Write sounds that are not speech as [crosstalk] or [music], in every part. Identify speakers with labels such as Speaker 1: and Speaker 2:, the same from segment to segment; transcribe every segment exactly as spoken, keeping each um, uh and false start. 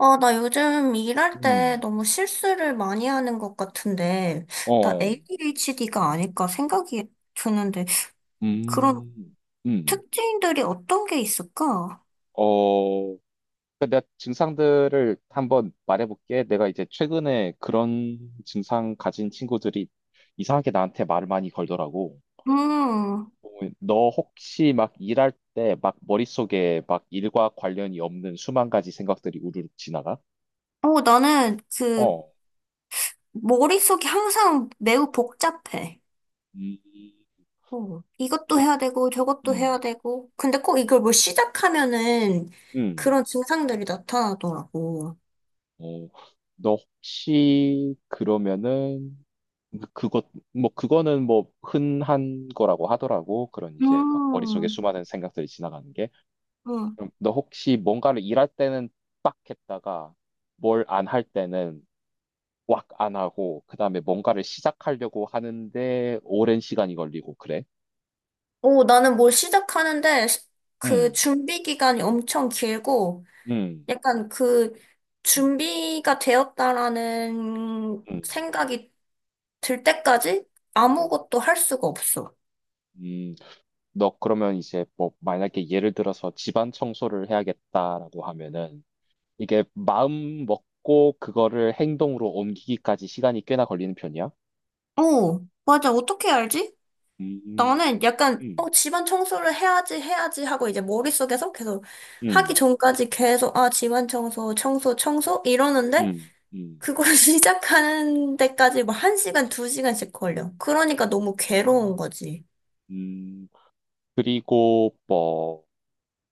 Speaker 1: 아, 나 요즘 일할 때
Speaker 2: 음,
Speaker 1: 너무 실수를 많이 하는 것 같은데, 나
Speaker 2: 어,
Speaker 1: 에이디에이치디가 아닐까 생각이 드는데, 그런
Speaker 2: 음, 음,
Speaker 1: 특징들이 어떤 게 있을까?
Speaker 2: 어, 그러니까 내가 증상들을 한번 말해볼게. 내가 이제 최근에 그런 증상 가진 친구들이 이상하게 나한테 말을 많이 걸더라고.
Speaker 1: 음,
Speaker 2: 어, 너 혹시 막 일할 때 막 머릿속에 막 일과 관련이 없는 수만 가지 생각들이 우르르 지나가?
Speaker 1: 어, 나는 그,
Speaker 2: 어,
Speaker 1: 머릿속이 항상 매우 복잡해.
Speaker 2: 음,
Speaker 1: 어, 이것도
Speaker 2: 그,
Speaker 1: 해야 되고, 저것도 해야
Speaker 2: 음,
Speaker 1: 되고. 근데 꼭 이걸 뭘 시작하면은
Speaker 2: 음,
Speaker 1: 그런 증상들이 나타나더라고.
Speaker 2: 어, 너 혹시 그러면은 그것 뭐 그거는 뭐 흔한 거라고 하더라고. 그런 이제 막 머릿속에
Speaker 1: 음,
Speaker 2: 수많은 생각들이 지나가는 게.
Speaker 1: 음.
Speaker 2: 그럼 너 혹시 뭔가를 일할 때는 빡 했다가 뭘 안 할 때는 꽉 안 하고 그다음에 뭔가를 시작하려고 하는데 오랜 시간이 걸리고 그래?
Speaker 1: 오, 나는 뭘 시작하는데 시- 그
Speaker 2: 음.
Speaker 1: 준비 기간이 엄청 길고
Speaker 2: 음.
Speaker 1: 약간 그
Speaker 2: 음.
Speaker 1: 준비가 되었다라는
Speaker 2: 음.
Speaker 1: 생각이 들 때까지
Speaker 2: 음.
Speaker 1: 아무것도 할 수가 없어.
Speaker 2: 음. 너 그러면 이제 뭐 만약에 예를 들어서 집안 청소를 해야겠다라고 하면은 이게 마음 먹고 그거를 행동으로 옮기기까지 시간이 꽤나 걸리는 편이야.
Speaker 1: 오, 맞아. 어떻게 알지?
Speaker 2: 음,
Speaker 1: 나는 약간
Speaker 2: 음,
Speaker 1: 어, 집안 청소를 해야지 해야지 하고 이제 머릿속에서 계속 하기
Speaker 2: 음,
Speaker 1: 전까지 계속 아, 집안 청소, 청소, 청소 이러는데
Speaker 2: 음, 음.
Speaker 1: 그걸 [laughs] 시작하는 데까지 뭐 한 시간, 두 시간씩 걸려. 그러니까 너무 괴로운 거지.
Speaker 2: 음, 그리고 뭐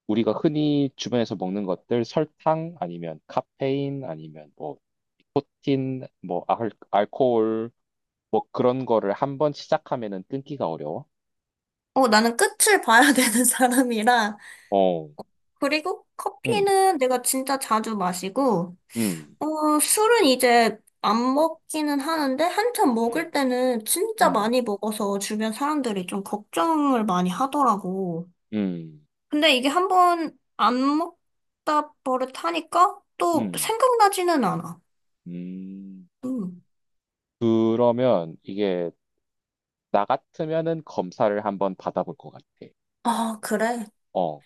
Speaker 2: 우리가 흔히 주변에서 먹는 것들 설탕 아니면 카페인 아니면 뭐 니코틴 뭐 알, 알코올 뭐 그런 거를 한번 시작하면은 끊기가 어려워.
Speaker 1: 어, 나는 끝을 봐야 [laughs] 되는 사람이라.
Speaker 2: 어,
Speaker 1: 그리고
Speaker 2: 음,
Speaker 1: 커피는 내가 진짜 자주 마시고,
Speaker 2: 음,
Speaker 1: 어, 술은 이제 안 먹기는 하는데, 한참 먹을
Speaker 2: 음,
Speaker 1: 때는 진짜
Speaker 2: 음,
Speaker 1: 많이 먹어서 주변 사람들이 좀 걱정을 많이 하더라고.
Speaker 2: 음,
Speaker 1: 근데 이게 한번 안 먹다 버릇하니까 또
Speaker 2: 음,
Speaker 1: 생각나지는 않아.
Speaker 2: 음.
Speaker 1: 음.
Speaker 2: 그러면 이게 나 같으면은 검사를 한번 받아볼 것 같아.
Speaker 1: 아, 그래.
Speaker 2: 어,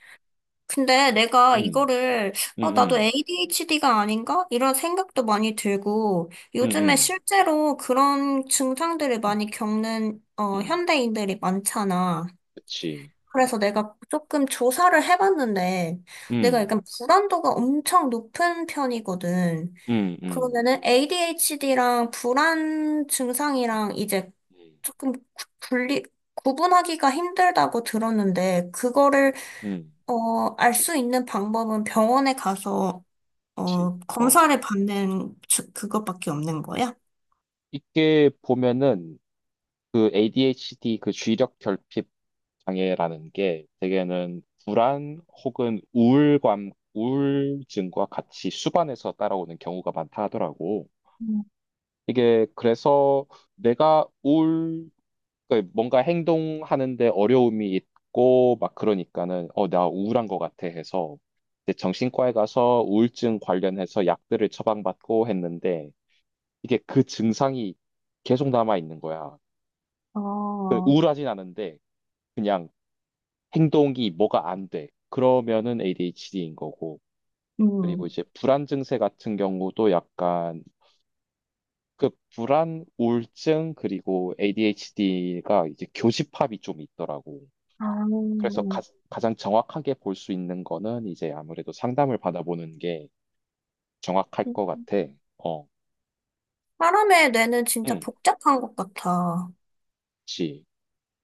Speaker 1: 근데 내가
Speaker 2: 음,
Speaker 1: 이거를,
Speaker 2: 음,
Speaker 1: 어, 나도
Speaker 2: 음,
Speaker 1: 에이디에이치디가 아닌가? 이런 생각도 많이 들고,
Speaker 2: 음,
Speaker 1: 요즘에
Speaker 2: 음,
Speaker 1: 실제로 그런 증상들을
Speaker 2: 음,
Speaker 1: 많이 겪는, 어,
Speaker 2: 음,
Speaker 1: 현대인들이 많잖아.
Speaker 2: 그치. 어,
Speaker 1: 그래서 내가 조금 조사를 해봤는데, 내가
Speaker 2: 음,
Speaker 1: 약간 불안도가 엄청 높은 편이거든.
Speaker 2: 음, 음,
Speaker 1: 그러면은 에이디에이치디랑 불안 증상이랑 이제
Speaker 2: 음,
Speaker 1: 조금 구- 분리, 구분하기가 힘들다고 들었는데, 그거를
Speaker 2: 음, 음,
Speaker 1: 어, 알 수 있는 방법은 병원에 가서,
Speaker 2: 그치.
Speaker 1: 어,
Speaker 2: 어,
Speaker 1: 검사를 받는 주- 그것밖에 없는 거야?
Speaker 2: 이게 보면은 그 에이디에이치디 그 주의력 결핍 장애라는 게 대개는 불안 혹은 우울감, 우울증과 같이 수반해서 따라오는 경우가 많다 하더라고.
Speaker 1: 음.
Speaker 2: 이게 그래서 내가 그 뭔가 행동하는데 어려움이 있고 막 그러니까는 어, 나 우울한 것 같아 해서 이제 정신과에 가서 우울증 관련해서 약들을 처방받고 했는데 이게 그 증상이 계속 남아 있는 거야. 그
Speaker 1: 어,
Speaker 2: 우울하진 않은데 그냥 행동이 뭐가 안 돼. 그러면은 에이디에이치디인 거고. 그리고
Speaker 1: 음.
Speaker 2: 이제 불안 증세 같은 경우도 약간 그 불안, 우울증 그리고 에이디에이치디가 이제 교집합이 좀 있더라고.
Speaker 1: 아,
Speaker 2: 그래서 가, 장 정확하게 볼 수 있는 거는 이제 아무래도 상담을 받아보는 게 정확할 것 같아. 어,
Speaker 1: 사람의 뇌는 진짜
Speaker 2: 응,
Speaker 1: 복잡한 것 같아.
Speaker 2: 그치.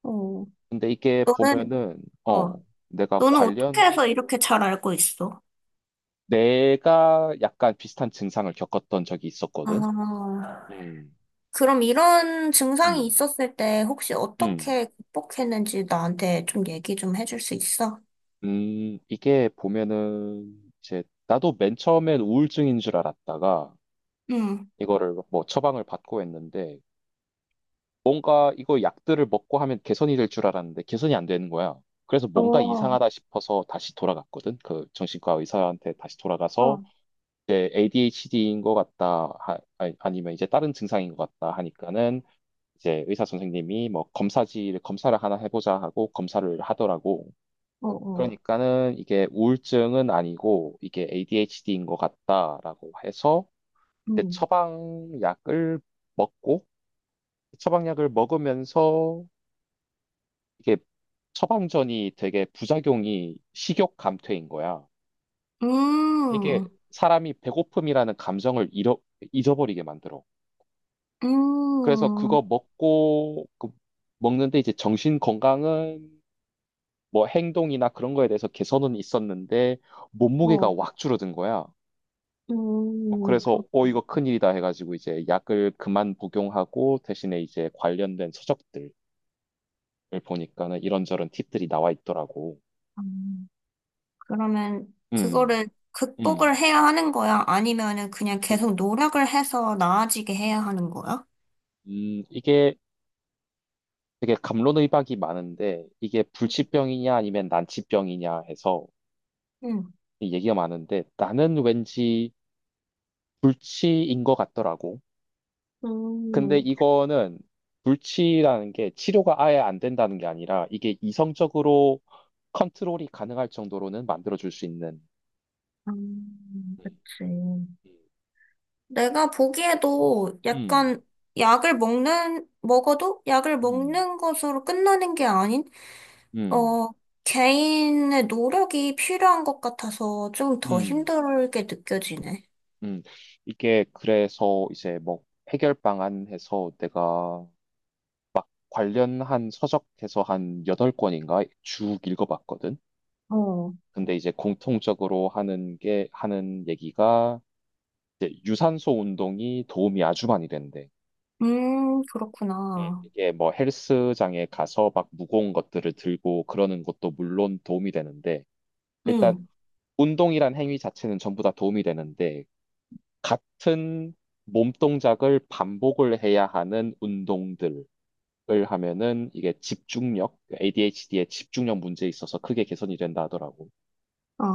Speaker 1: 어,
Speaker 2: 근데 이게
Speaker 1: 너는,
Speaker 2: 보면은, 어,
Speaker 1: 어,
Speaker 2: 내가
Speaker 1: 너는 어떻게
Speaker 2: 관련,
Speaker 1: 해서 이렇게 잘 알고 있어?
Speaker 2: 내가 약간 비슷한 증상을 겪었던 적이
Speaker 1: 아,
Speaker 2: 있었거든. 음,
Speaker 1: 그럼 이런 증상이
Speaker 2: 음,
Speaker 1: 있었을 때 혹시
Speaker 2: 음,
Speaker 1: 어떻게 극복했는지 나한테 좀 얘기 좀 해줄 수 있어?
Speaker 2: 음, 이게 보면은, 이제, 나도 맨 처음엔 우울증인 줄 알았다가,
Speaker 1: 응.
Speaker 2: 이거를 뭐 처방을 받고 했는데, 뭔가 이거 약들을 먹고 하면 개선이 될 줄 알았는데 개선이 안 되는 거야. 그래서
Speaker 1: 어,
Speaker 2: 뭔가
Speaker 1: 어,
Speaker 2: 이상하다 싶어서 다시 돌아갔거든. 그 정신과 의사한테 다시 돌아가서 이제 에이디에이치디인 것 같다, 하- 아니- 아니면 이제 다른 증상인 것 같다 하니까는 이제 의사 선생님이 뭐 검사지를 검사를 하나 해보자 하고 검사를 하더라고.
Speaker 1: 어,
Speaker 2: 그러니까는 이게 우울증은 아니고 이게 에이디에이치디인 것 같다라고 해서 이제
Speaker 1: 어.
Speaker 2: 처방약을 먹고 처방약을 먹으면서 이게 처방전이 되게 부작용이 식욕 감퇴인 거야. 이게
Speaker 1: 음,
Speaker 2: 사람이 배고픔이라는 감정을 잃어, 잊어버리게 만들어. 그래서
Speaker 1: 음,
Speaker 2: 그거 먹고 그 먹는데 이제 정신 건강은 뭐 행동이나 그런 거에 대해서 개선은 있었는데 몸무게가
Speaker 1: 어,
Speaker 2: 확 줄어든 거야.
Speaker 1: 음,
Speaker 2: 그래서
Speaker 1: 그렇다.
Speaker 2: 어 이거 큰일이다 해가지고 이제 약을 그만 복용하고 대신에 이제 관련된 서적들을 보니까는 이런저런 팁들이 나와 있더라고.
Speaker 1: 그러면
Speaker 2: 음,
Speaker 1: 그거를 극복을
Speaker 2: 음.
Speaker 1: 해야 하는 거야? 아니면은 그냥
Speaker 2: 음,
Speaker 1: 계속 노력을 해서 나아지게 해야 하는 거야?
Speaker 2: 음, 이게 되게 갑론의박이 많은데 이게 불치병이냐 아니면 난치병이냐 해서
Speaker 1: 응,
Speaker 2: 얘기가 많은데 나는 왠지 불치인 것 같더라고. 근데
Speaker 1: 음,
Speaker 2: 이거는 불치라는 게 치료가 아예 안 된다는 게 아니라 이게 이성적으로 컨트롤이 가능할 정도로는 만들어줄 수 있는
Speaker 1: 음, 그치. 내가 보기에도
Speaker 2: 음,
Speaker 1: 약간 약을 먹는, 먹어도 약을
Speaker 2: 음,
Speaker 1: 먹는 것으로 끝나는 게 아닌,
Speaker 2: 음, 음,
Speaker 1: 어, 개인의 노력이 필요한 것 같아서 좀
Speaker 2: 음,
Speaker 1: 더
Speaker 2: 음,
Speaker 1: 힘들게 느껴지네.
Speaker 2: 음. 이게 그래서 이제 뭐 해결 방안해서 내가 관련한 서적에서 한 여덟 권인가 쭉 읽어봤거든.
Speaker 1: 어.
Speaker 2: 근데 이제 공통적으로 하는 게, 하는 얘기가 이제 유산소 운동이 도움이 아주 많이 된대.
Speaker 1: 음, 그렇구나.
Speaker 2: 이게 뭐 헬스장에 가서 막 무거운 것들을 들고 그러는 것도 물론 도움이 되는데, 일단
Speaker 1: 응.
Speaker 2: 운동이란 행위 자체는 전부 다 도움이 되는데, 같은 몸 동작을 반복을 해야 하는 운동들, 을 하면은 이게 집중력, 에이디에이치디의 집중력 문제에 있어서 크게 개선이 된다 하더라고.
Speaker 1: 아,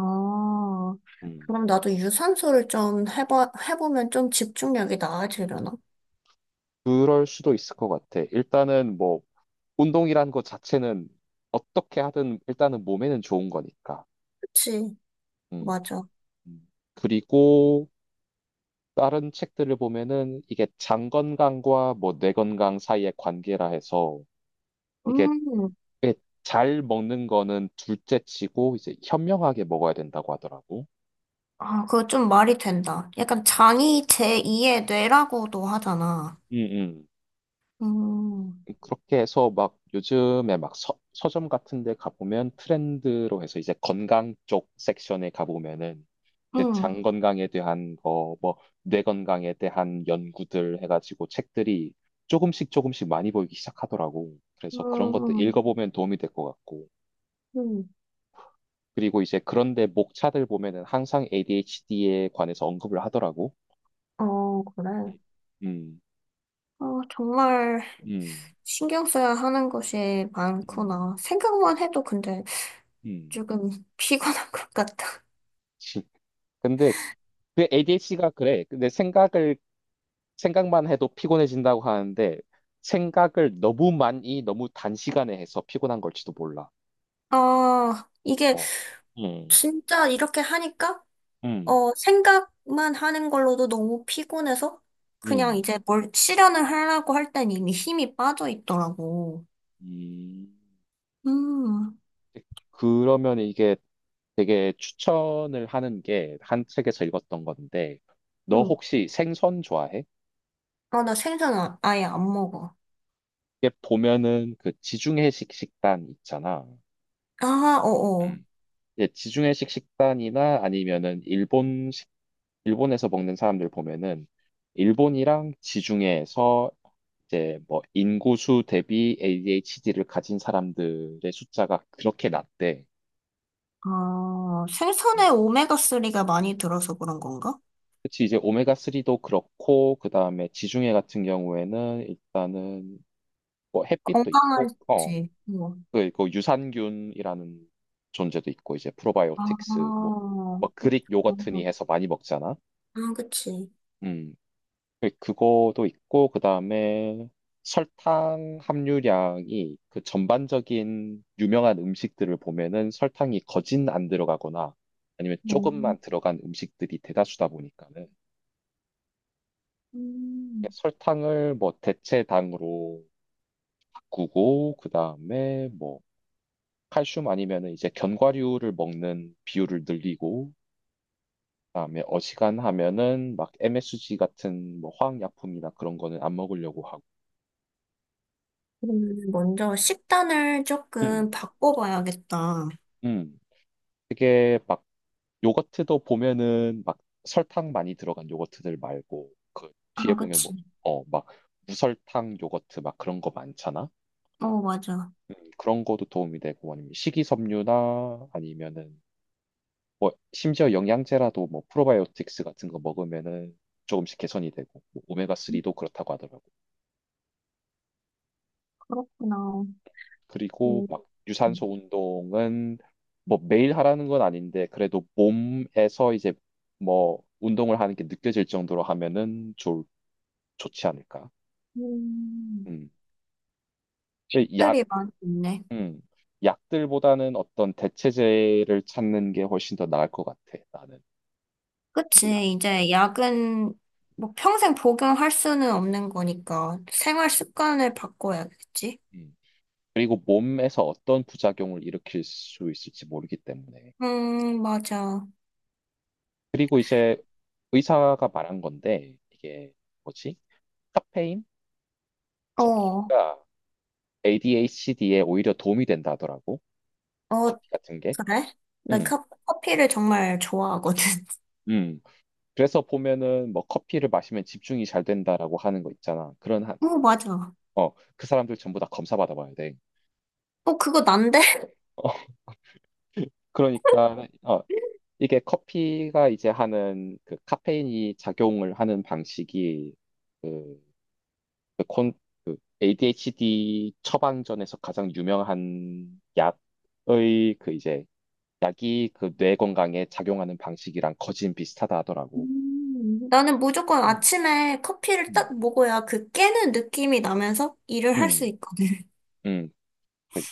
Speaker 2: 음,
Speaker 1: 그럼 나도 유산소를 좀 해봐, 해보면 좀 집중력이 나아지려나?
Speaker 2: 그럴 수도 있을 것 같아. 일단은 뭐 운동이라는 것 자체는 어떻게 하든 일단은 몸에는 좋은 거니까.
Speaker 1: 그치,
Speaker 2: 음.
Speaker 1: 맞아.
Speaker 2: 음. 그리고 다른 책들을 보면은 이게 장 건강과 뭐 뇌 건강 사이의 관계라 해서 이게
Speaker 1: 음,
Speaker 2: 꽤잘 먹는 거는 둘째 치고 이제 현명하게 먹어야 된다고 하더라고.
Speaker 1: 아, 그거 좀 말이 된다. 약간
Speaker 2: 음,
Speaker 1: 장이 제이의 뇌라고도 하잖아.
Speaker 2: 음.
Speaker 1: 음,
Speaker 2: 그렇게 해서 막 요즘에 막 서, 서점 같은 데 가보면 트렌드로 해서 이제 건강 쪽 섹션에 가보면은 이제
Speaker 1: 음,
Speaker 2: 장 건강에 대한 거, 뭐 뇌 건강에 대한 연구들 해가지고 책들이 조금씩 조금씩 많이 보이기 시작하더라고. 그래서 그런 것들
Speaker 1: 음,
Speaker 2: 읽어보면 도움이 될 것 같고.
Speaker 1: 음.
Speaker 2: 그리고 이제 그런데 목차들 보면은 항상 에이디에이치디에 관해서 언급을 하더라고.
Speaker 1: 어, 그래.
Speaker 2: 음,
Speaker 1: 어, 정말
Speaker 2: 음,
Speaker 1: 신경 써야 하는 것이
Speaker 2: 음,
Speaker 1: 많구나. 생각만 해도 근데
Speaker 2: 음.
Speaker 1: 조금 [laughs] 피곤한 것 같다.
Speaker 2: [laughs] 지- 근데 그 에이디에이치디가 그래. 근데 생각을 생각만 해도 피곤해진다고 하는데 생각을 너무 많이 너무 단시간에 해서 피곤한 걸지도 몰라.
Speaker 1: 아, 이게
Speaker 2: 어. 음,
Speaker 1: 진짜 이렇게 하니까,
Speaker 2: 음,
Speaker 1: 어, 생각만 하는 걸로도 너무 피곤해서, 그냥
Speaker 2: 음,
Speaker 1: 이제 뭘 실현을 하려고 할 땐 이미 힘이 빠져 있더라고.
Speaker 2: 음.
Speaker 1: 음,
Speaker 2: 그러면 이게 되게 추천을 하는 게 한 책에서 읽었던 건데 너
Speaker 1: 응.
Speaker 2: 혹시 생선 좋아해?
Speaker 1: 아, 나 생선 아- 아예 안 먹어.
Speaker 2: 이게 보면은 그 지중해식 식단 있잖아.
Speaker 1: 아, 어어.
Speaker 2: 음. 예, 지중해식 식단이나 아니면은 일본식 일본에서 먹는 사람들 보면은 일본이랑 지중해에서 이제 뭐 인구수 대비 에이디에이치디를 가진 사람들의 숫자가 그렇게 낮대.
Speaker 1: 아,
Speaker 2: 음.
Speaker 1: 생선에 오메가삼이 많이 들어서 그런 건가?
Speaker 2: 그치, 이제 오메가쓰리도 그렇고, 그 다음에 지중해 같은 경우에는 일단은 뭐 햇빛도 있고, 어,
Speaker 1: 건강하지. 뭐.
Speaker 2: 그, 그 유산균이라는 존재도 있고, 이제 프로바이오틱스,
Speaker 1: 아,
Speaker 2: 뭐, 뭐 그릭
Speaker 1: 그렇구나.
Speaker 2: 요거트니 해서 많이 먹잖아.
Speaker 1: 아, 그치.
Speaker 2: 음. 그- 그거도 있고 그다음에 설탕 함유량이 그 전반적인 유명한 음식들을 보면은 설탕이 거진 안 들어가거나 아니면
Speaker 1: 음,
Speaker 2: 조금만 들어간 음식들이 대다수다 보니까는
Speaker 1: 음.
Speaker 2: 설탕을 뭐 대체당으로 바꾸고 그다음에 뭐 칼슘 아니면은 이제 견과류를 먹는 비율을 늘리고 그다음에 어지간하면은 막 엠에스지 같은 뭐 화학약품이나 그런 거는 안 먹으려고 하고
Speaker 1: 그러면 먼저 식단을 조금
Speaker 2: 음,
Speaker 1: 바꿔봐야겠다.
Speaker 2: 음. 되게 막 요거트도 보면은 막 설탕 많이 들어간 요거트들 말고 그 뒤에
Speaker 1: 아,
Speaker 2: 보면
Speaker 1: 그치.
Speaker 2: 뭐, 어, 막 무설탕 요거트 막 그런 거 많잖아?
Speaker 1: 어, 맞아.
Speaker 2: 음, 그런 거도 도움이 되고 아니면 식이섬유나 아니면은 뭐 심지어 영양제라도 뭐 프로바이오틱스 같은 거 먹으면은 조금씩 개선이 되고
Speaker 1: 음,
Speaker 2: 오메가쓰리도 그렇다고 하더라고.
Speaker 1: 그렇구나.
Speaker 2: 그리고
Speaker 1: 음,
Speaker 2: 막 유산소 운동은 뭐 매일 하라는 건 아닌데 그래도 몸에서 이제 뭐 운동을 하는 게 느껴질 정도로 하면은 좋 좋지 않을까.
Speaker 1: 음.
Speaker 2: 음. 근데 약,
Speaker 1: 팁들이 많이 있네.
Speaker 2: 음. 약들보다는 어떤 대체제를 찾는 게 훨씬 더 나을 것 같아. 나는. 뭐 약.
Speaker 1: 그치. 이제 약은 뭐 평생 복용할 수는 없는 거니까 생활 습관을 바꿔야겠지.
Speaker 2: 음. 그리고 몸에서 어떤 부작용을 일으킬 수 있을지 모르기 때문에.
Speaker 1: 음, 맞아.
Speaker 2: 그리고 이제 의사가 말한 건데 이게 뭐지? 카페인
Speaker 1: 어, 어,
Speaker 2: 섭취가 에이디에이치디에 오히려 도움이 된다 하더라고. 커피 같은 게.
Speaker 1: 그래? 나
Speaker 2: 음,
Speaker 1: 커, 커피를 정말 좋아하거든. [laughs]
Speaker 2: 음. 그래서 보면은 뭐 커피를 마시면 집중이 잘 된다라고 하는 거 있잖아. 그런 한,
Speaker 1: 어, 맞아.
Speaker 2: 어, 그 사람들 전부 다 검사 받아봐야 돼.
Speaker 1: 어, 그거 난데?
Speaker 2: 어, 그러니까, 어, 이게 커피가 이제 하는 그 카페인이 작용을 하는 방식이 그, 그 콘, 그 에이디에이치디 처방전에서 가장 유명한 약의 그 이제 약이 그 뇌 건강에 작용하는 방식이랑 거진 비슷하다 하더라고.
Speaker 1: 음, 나는 무조건
Speaker 2: 음,
Speaker 1: 아침에 커피를
Speaker 2: 음,
Speaker 1: 딱 먹어야 그 깨는 느낌이 나면서 일을 할 수
Speaker 2: 음,
Speaker 1: 있거든.
Speaker 2: 음,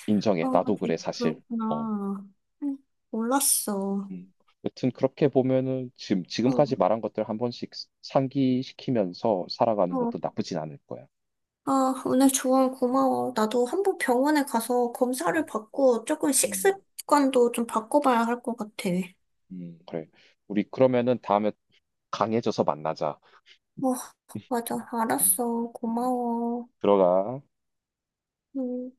Speaker 2: 인정해.
Speaker 1: 아,
Speaker 2: 나도
Speaker 1: 그,
Speaker 2: 그래, 사실. 어.
Speaker 1: 그렇구나. 응. 몰랐어.
Speaker 2: 음, 여튼 그렇게 보면은 지금
Speaker 1: 어,
Speaker 2: 지금까지 말한 것들 한 번씩 상기시키면서 살아가는
Speaker 1: 어.
Speaker 2: 것도 나쁘진 않을 거야.
Speaker 1: 아, 오늘 조언 고마워. 나도 한번 병원에 가서 검사를 받고 조금
Speaker 2: 음.
Speaker 1: 식습관도 좀 바꿔봐야 할 것 같아.
Speaker 2: 음, 그래. 우리 그러면은 다음에 강해져서 만나자.
Speaker 1: 어, 맞아.
Speaker 2: 음,
Speaker 1: 알았어.
Speaker 2: 음.
Speaker 1: 고마워.
Speaker 2: 들어가.
Speaker 1: 음.